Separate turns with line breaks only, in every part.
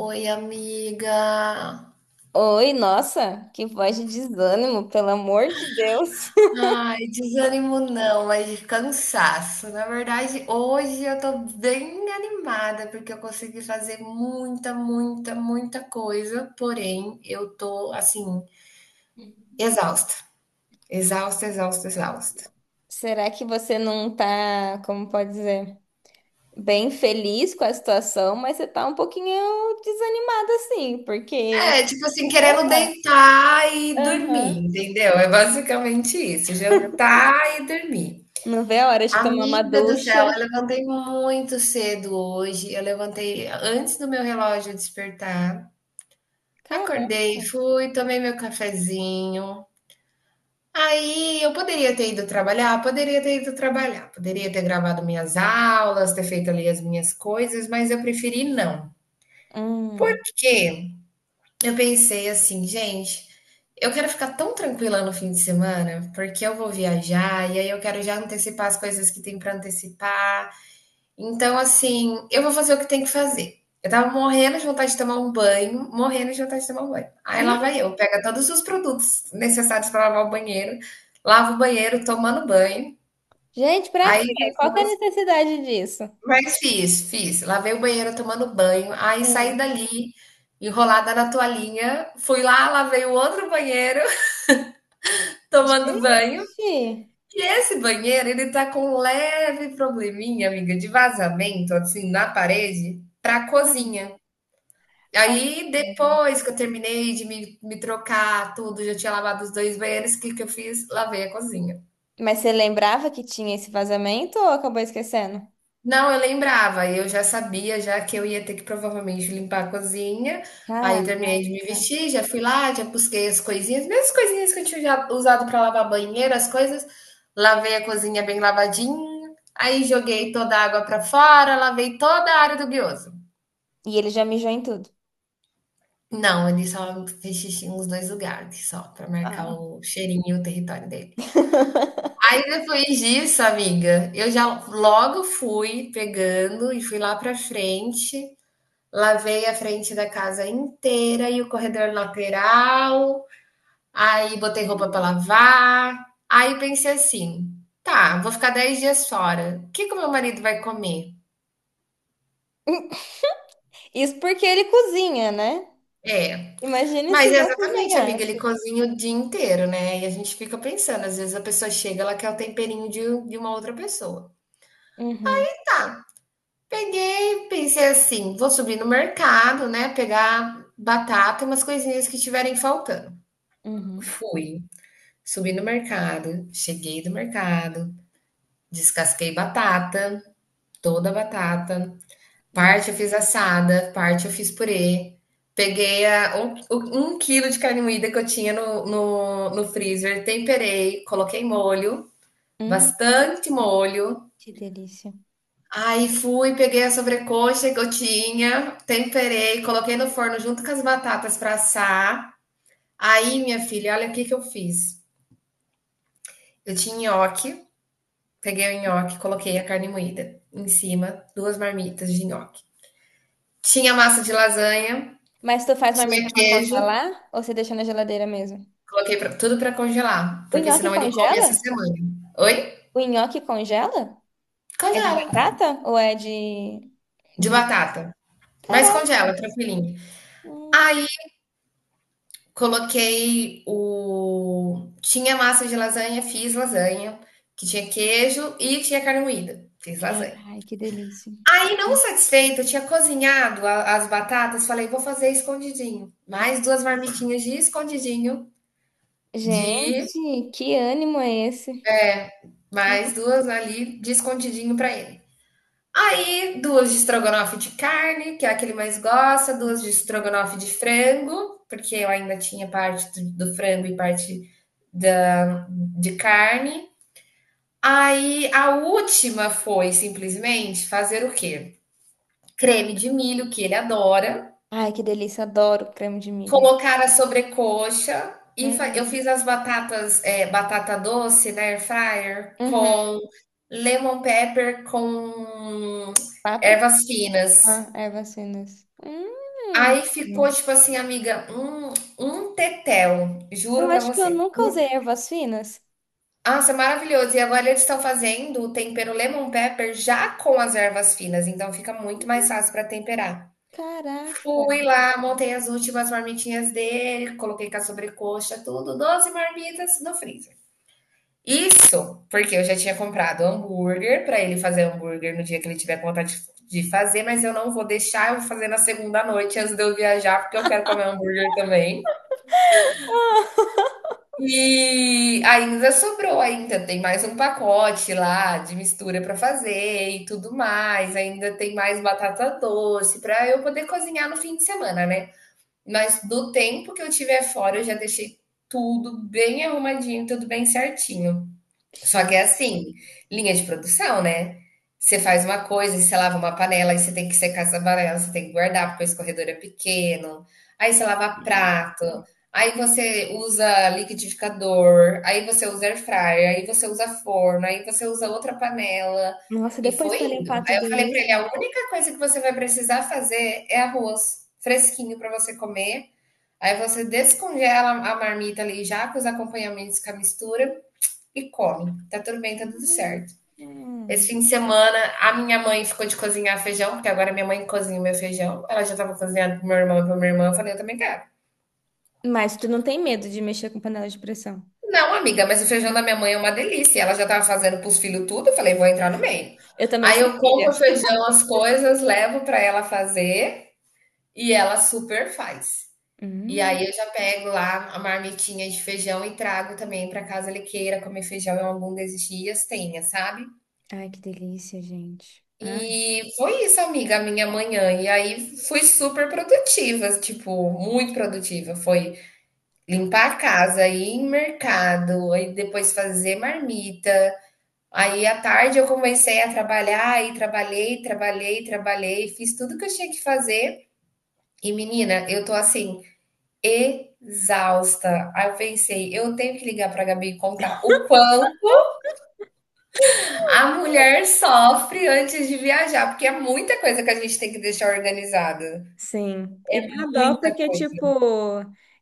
Oi, amiga.
Oi, nossa, que voz de desânimo, pelo amor de Deus.
Ai, desânimo não, mas cansaço. Na verdade, hoje eu tô bem animada porque eu consegui fazer muita, muita, muita coisa, porém eu tô assim, exausta. Exausta, exausta, exausta.
Será que você não tá, como pode dizer, bem feliz com a situação, mas você tá um pouquinho desanimada assim, porque,
É, tipo assim,
sei
querendo
lá,
deitar e
aham.
dormir, entendeu? É basicamente isso, jantar e dormir.
Não vê a hora de tomar uma
Amiga do céu,
ducha.
eu levantei muito cedo hoje. Eu levantei antes do meu relógio despertar.
Caraca.
Acordei, fui, tomei meu cafezinho. Aí eu poderia ter ido trabalhar, poderia ter ido trabalhar, poderia ter gravado minhas aulas, ter feito ali as minhas coisas, mas eu preferi não.
Hum.
Porque eu pensei assim, gente, eu quero ficar tão tranquila no fim de semana, porque eu vou viajar e aí eu quero já antecipar as coisas que tem para antecipar. Então, assim, eu vou fazer o que tem que fazer. Eu estava morrendo de vontade de tomar um banho, morrendo de vontade de tomar um banho. Aí lá vai eu, pega todos os produtos necessários para lavar o banheiro, lavo o banheiro tomando banho.
Gente, pra quê?
Aí
Qual que é a
depois,
necessidade disso?
mas fiz, fiz. Lavei o banheiro tomando banho, aí saí
Hum.
dali enrolada na toalhinha, fui lá, lavei o outro banheiro tomando banho.
Gente!
E esse banheiro, ele tá com um leve probleminha, amiga, de vazamento assim na parede para a
Hum.
cozinha. Aí, depois que eu terminei de me trocar tudo, já tinha lavado os 2 banheiros, o que que eu fiz? Lavei a cozinha.
Mas você lembrava que tinha esse vazamento ou acabou esquecendo?
Não, eu lembrava, eu já sabia já que eu ia ter que provavelmente limpar a cozinha. Aí eu
Caraca.
terminei de me vestir, já fui lá, já busquei as coisinhas, mesmas coisinhas que eu tinha já usado para lavar banheiro, as coisas. Lavei a cozinha bem lavadinha, aí joguei toda a água para fora, lavei toda a área do guioso.
E ele já mijou em tudo.
Não, ele só fez xixi nos 2 lugares, só para marcar
Ah.
o cheirinho e o território dele. Aí depois disso, amiga, eu já logo fui pegando e fui lá pra frente, lavei a frente da casa inteira e o corredor lateral, aí botei roupa pra lavar. Aí pensei assim: tá, vou ficar 10 dias fora. O que que o meu marido vai comer?
Isso porque ele cozinha, né?
É.
Imagine
Mas
se
é
não
exatamente, amiga, ele
cozinhasse.
cozinha o dia inteiro, né? E a gente fica pensando, às vezes a pessoa chega, ela quer o temperinho de uma outra pessoa.
Uhum,
Tá, peguei, pensei assim, vou subir no mercado, né, pegar batata e umas coisinhas que estiverem faltando.
uhum.
Fui, subi no mercado, cheguei do mercado, descasquei batata, toda a batata,
Gente,
parte eu fiz assada, parte eu fiz purê, peguei um quilo de carne moída que eu tinha no freezer, temperei, coloquei molho,
hum,
bastante molho.
que delícia.
Aí fui, peguei a sobrecoxa que eu tinha, temperei, coloquei no forno junto com as batatas para assar. Aí, minha filha, olha o que que eu fiz. Eu tinha nhoque, peguei o nhoque, coloquei a carne moída em cima, 2 marmitas de nhoque. Tinha massa de lasanha,
Mas tu faz
tinha
marmita pra
queijo,
congelar ou você deixa na geladeira mesmo?
coloquei pra, tudo para congelar,
O
porque
nhoque
senão ele come
congela?
essa semana. Oi?
O nhoque congela? É de
Congela.
batata ou é
De
de...
batata. Mas congela,
Caraca.
tranquilinho.
Hum.
Aí coloquei o. Tinha massa de lasanha, fiz lasanha, que tinha queijo e tinha carne moída. Fiz lasanha.
Ai, que delícia.
Aí, não satisfeita, eu tinha cozinhado a- as batatas, falei, vou fazer escondidinho. Mais 2 marmitinhas de escondidinho, de
Gente, que ânimo é esse?
mais 2 ali de escondidinho para ele. Aí, 2 de estrogonofe de carne, que é a que ele mais gosta, 2 de estrogonofe de frango, porque eu ainda tinha parte do frango e parte da, de carne. Aí, a última foi simplesmente fazer o quê? Creme de milho, que ele adora,
Ai, que delícia. Adoro creme de milho.
colocar a sobrecoxa. E eu
Hum.
fiz as batatas, batata doce na air fryer
Uhum.
com lemon pepper com
Fabricar
ervas finas.
ervas finas.
Aí ficou tipo assim, amiga, um tetel,
Eu
juro pra
acho que eu
você.
nunca
Um
usei
te
ervas finas.
Nossa, maravilhoso. E agora eles estão fazendo o tempero lemon pepper já com as ervas finas, então fica muito mais fácil pra temperar.
Caraca.
Fui lá, montei as últimas marmitinhas dele, coloquei com a sobrecoxa, tudo, 12 marmitas no freezer. Isso porque eu já tinha comprado hambúrguer pra ele fazer hambúrguer no dia que ele tiver com vontade de fazer, mas eu não vou deixar, eu vou fazer na segunda noite antes de eu viajar, porque eu quero comer hambúrguer também. E ainda sobrou ainda, tem mais um pacote lá de mistura para fazer e tudo mais. Ainda tem mais batata doce para eu poder cozinhar no fim de semana, né. Mas do tempo que eu tiver fora, eu já deixei tudo bem arrumadinho, tudo bem certinho. Só que
Gente.
é assim, linha de produção, né? Você faz uma coisa, e você lava uma panela, aí você tem que secar essa panela, você tem que guardar, porque o escorredor é pequeno. Aí você lava prato, aí você usa liquidificador, aí você usa air fryer, aí você usa forno, aí você usa outra panela.
Nossa,
E
depois
foi
pra
indo.
limpar
Aí
tudo
eu falei pra
isso.
ele: a única coisa que você vai precisar fazer é arroz fresquinho pra você comer. Aí você descongela a marmita ali já com os acompanhamentos, com a mistura e come. Tá tudo bem, tá tudo certo. Esse
Hum.
fim de semana, a minha mãe ficou de cozinhar feijão, porque agora minha mãe cozinha o meu feijão. Ela já tava cozinhando pro meu irmão e pra minha irmã. Eu falei, eu também quero.
Mas tu não tem medo de mexer com panela de pressão?
Não, amiga, mas o feijão da minha mãe é uma delícia. Ela já tava fazendo pros filhos tudo. Eu falei, vou entrar no meio.
Eu também
Aí
sou
eu
filha.
compro o feijão, as coisas, levo pra ela fazer e ela super faz. E
Hum.
aí eu já pego lá a marmitinha de feijão e trago também pra casa. Ele queira comer feijão em algum desses dias, tenha, sabe?
Ai, que delícia, gente. Ai.
E foi isso, amiga, a minha manhã. E aí fui super produtiva, tipo, muito produtiva. Foi limpar a casa, ir em mercado, aí depois fazer marmita. Aí à tarde eu comecei a trabalhar, e trabalhei, trabalhei, trabalhei, fiz tudo que eu tinha que fazer. E menina, eu tô assim, exausta. Aí eu pensei, eu tenho que ligar pra Gabi e contar o quanto a mulher sofre antes de viajar, porque é muita coisa que a gente tem que deixar organizada.
Sim. E dá dó
Muita
porque,
coisa.
tipo,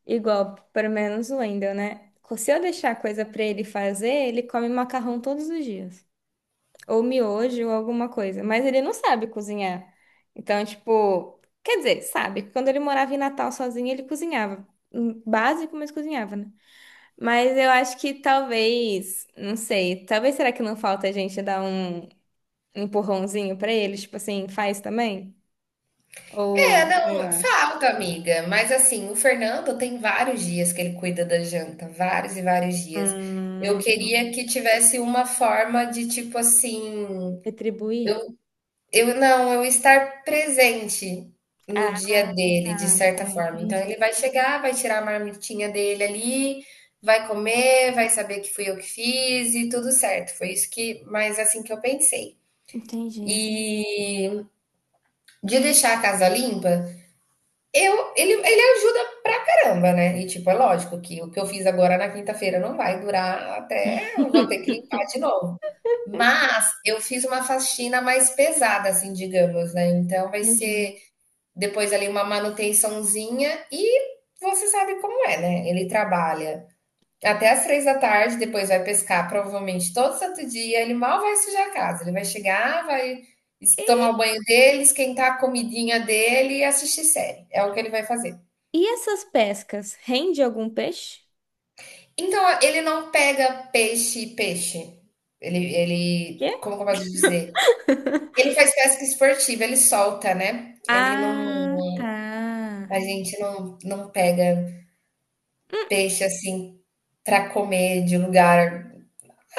igual, pelo menos o Wendel, né? Se eu deixar coisa pra ele fazer, ele come macarrão todos os dias, ou miojo ou alguma coisa, mas ele não sabe cozinhar. Então, tipo, quer dizer, sabe, que quando ele morava em Natal sozinho, ele cozinhava. Básico, mas cozinhava, né? Mas eu acho que talvez, não sei, talvez será que não falta a gente dar um empurrãozinho pra ele, tipo assim, faz também?
É,
Ou, sei
não,
lá,
falta, amiga. Mas assim, o Fernando tem vários dias que ele cuida da janta, vários e vários dias. Eu queria
hum,
que tivesse uma forma de tipo assim, eu,
retribuir?
eu estar presente
Ah,
no dia dele, de
tá, tá,
certa forma. Então
entendi.
ele vai chegar, vai tirar a marmitinha dele ali, vai comer, vai saber que fui eu que fiz e tudo certo. Foi isso que, mas assim que eu pensei.
Entendi,
E de deixar a casa limpa, eu, ele ajuda pra caramba, né? E, tipo, é lógico que o que eu fiz agora na quinta-feira não vai durar até eu vou ter que limpar de novo. Mas eu fiz uma faxina mais pesada, assim, digamos, né? Então vai
entendi.
ser depois ali uma manutençãozinha e você sabe como é, né? Ele trabalha até as 3 da tarde, depois vai pescar provavelmente todo santo dia. Ele mal vai sujar a casa. Ele vai chegar, vai tomar o banho dele, esquentar a comidinha dele e assistir série. É o que ele vai fazer.
E essas pescas, rende algum peixe?
Então, ele não pega peixe, e peixe. Ele como que eu posso dizer? Ele faz pesca esportiva, ele solta, né. Ele não,
Ah, tá.
a gente não pega peixe, assim, pra comer de lugar.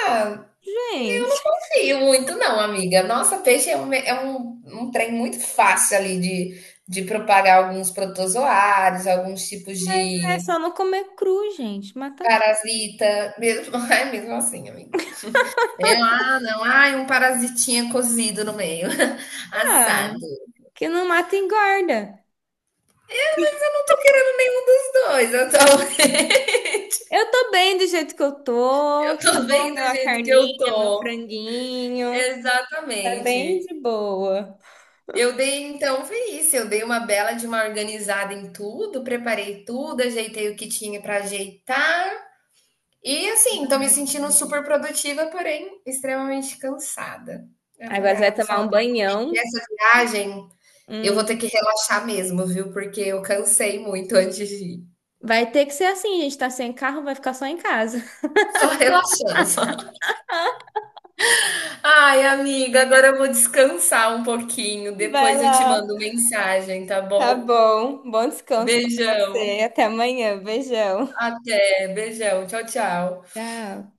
Ah, eu não
Gente,
confio muito não, amiga. Nossa, peixe é um é um trem muito fácil ali de propagar alguns protozoários, alguns tipos
mas é
de
só não comer cru, gente. Mata tudo.
parasita, mesmo. É mesmo assim, amiga. Eu, ah, não, ai, um parasitinha cozido no meio,
Ah,
assado. Eu
que não mata engorda.
não tô querendo nenhum dos dois, eu tô,
Eu tô bem do jeito que eu tô.
eu
Tá
tô
bom,
bem
meu,
do
a
jeito que eu
carninha, meu
tô.
franguinho. Tá bem
Exatamente.
de boa.
Eu dei, então, foi isso. Eu dei uma bela de uma organizada em tudo, preparei tudo, ajeitei o que tinha pra ajeitar. E assim, tô me
Ai.
sentindo super produtiva, porém extremamente cansada. Eu
Agora
falei,
você
ah, eu
vai
vou
tomar
falar
um
que
banhão.
essa viagem eu vou ter
Hum.
que relaxar mesmo, viu? Porque eu cansei muito antes de ir.
Vai ter que ser assim, gente. Tá sem carro, vai ficar só em casa.
Só relaxando, só. Ai, amiga, agora eu vou descansar um pouquinho.
Vai
Depois eu te
lá.
mando mensagem, tá
Tá
bom?
bom. Bom descanso pra você.
Beijão.
Até amanhã. Beijão.
Até. Beijão. Tchau, tchau.
Tchau.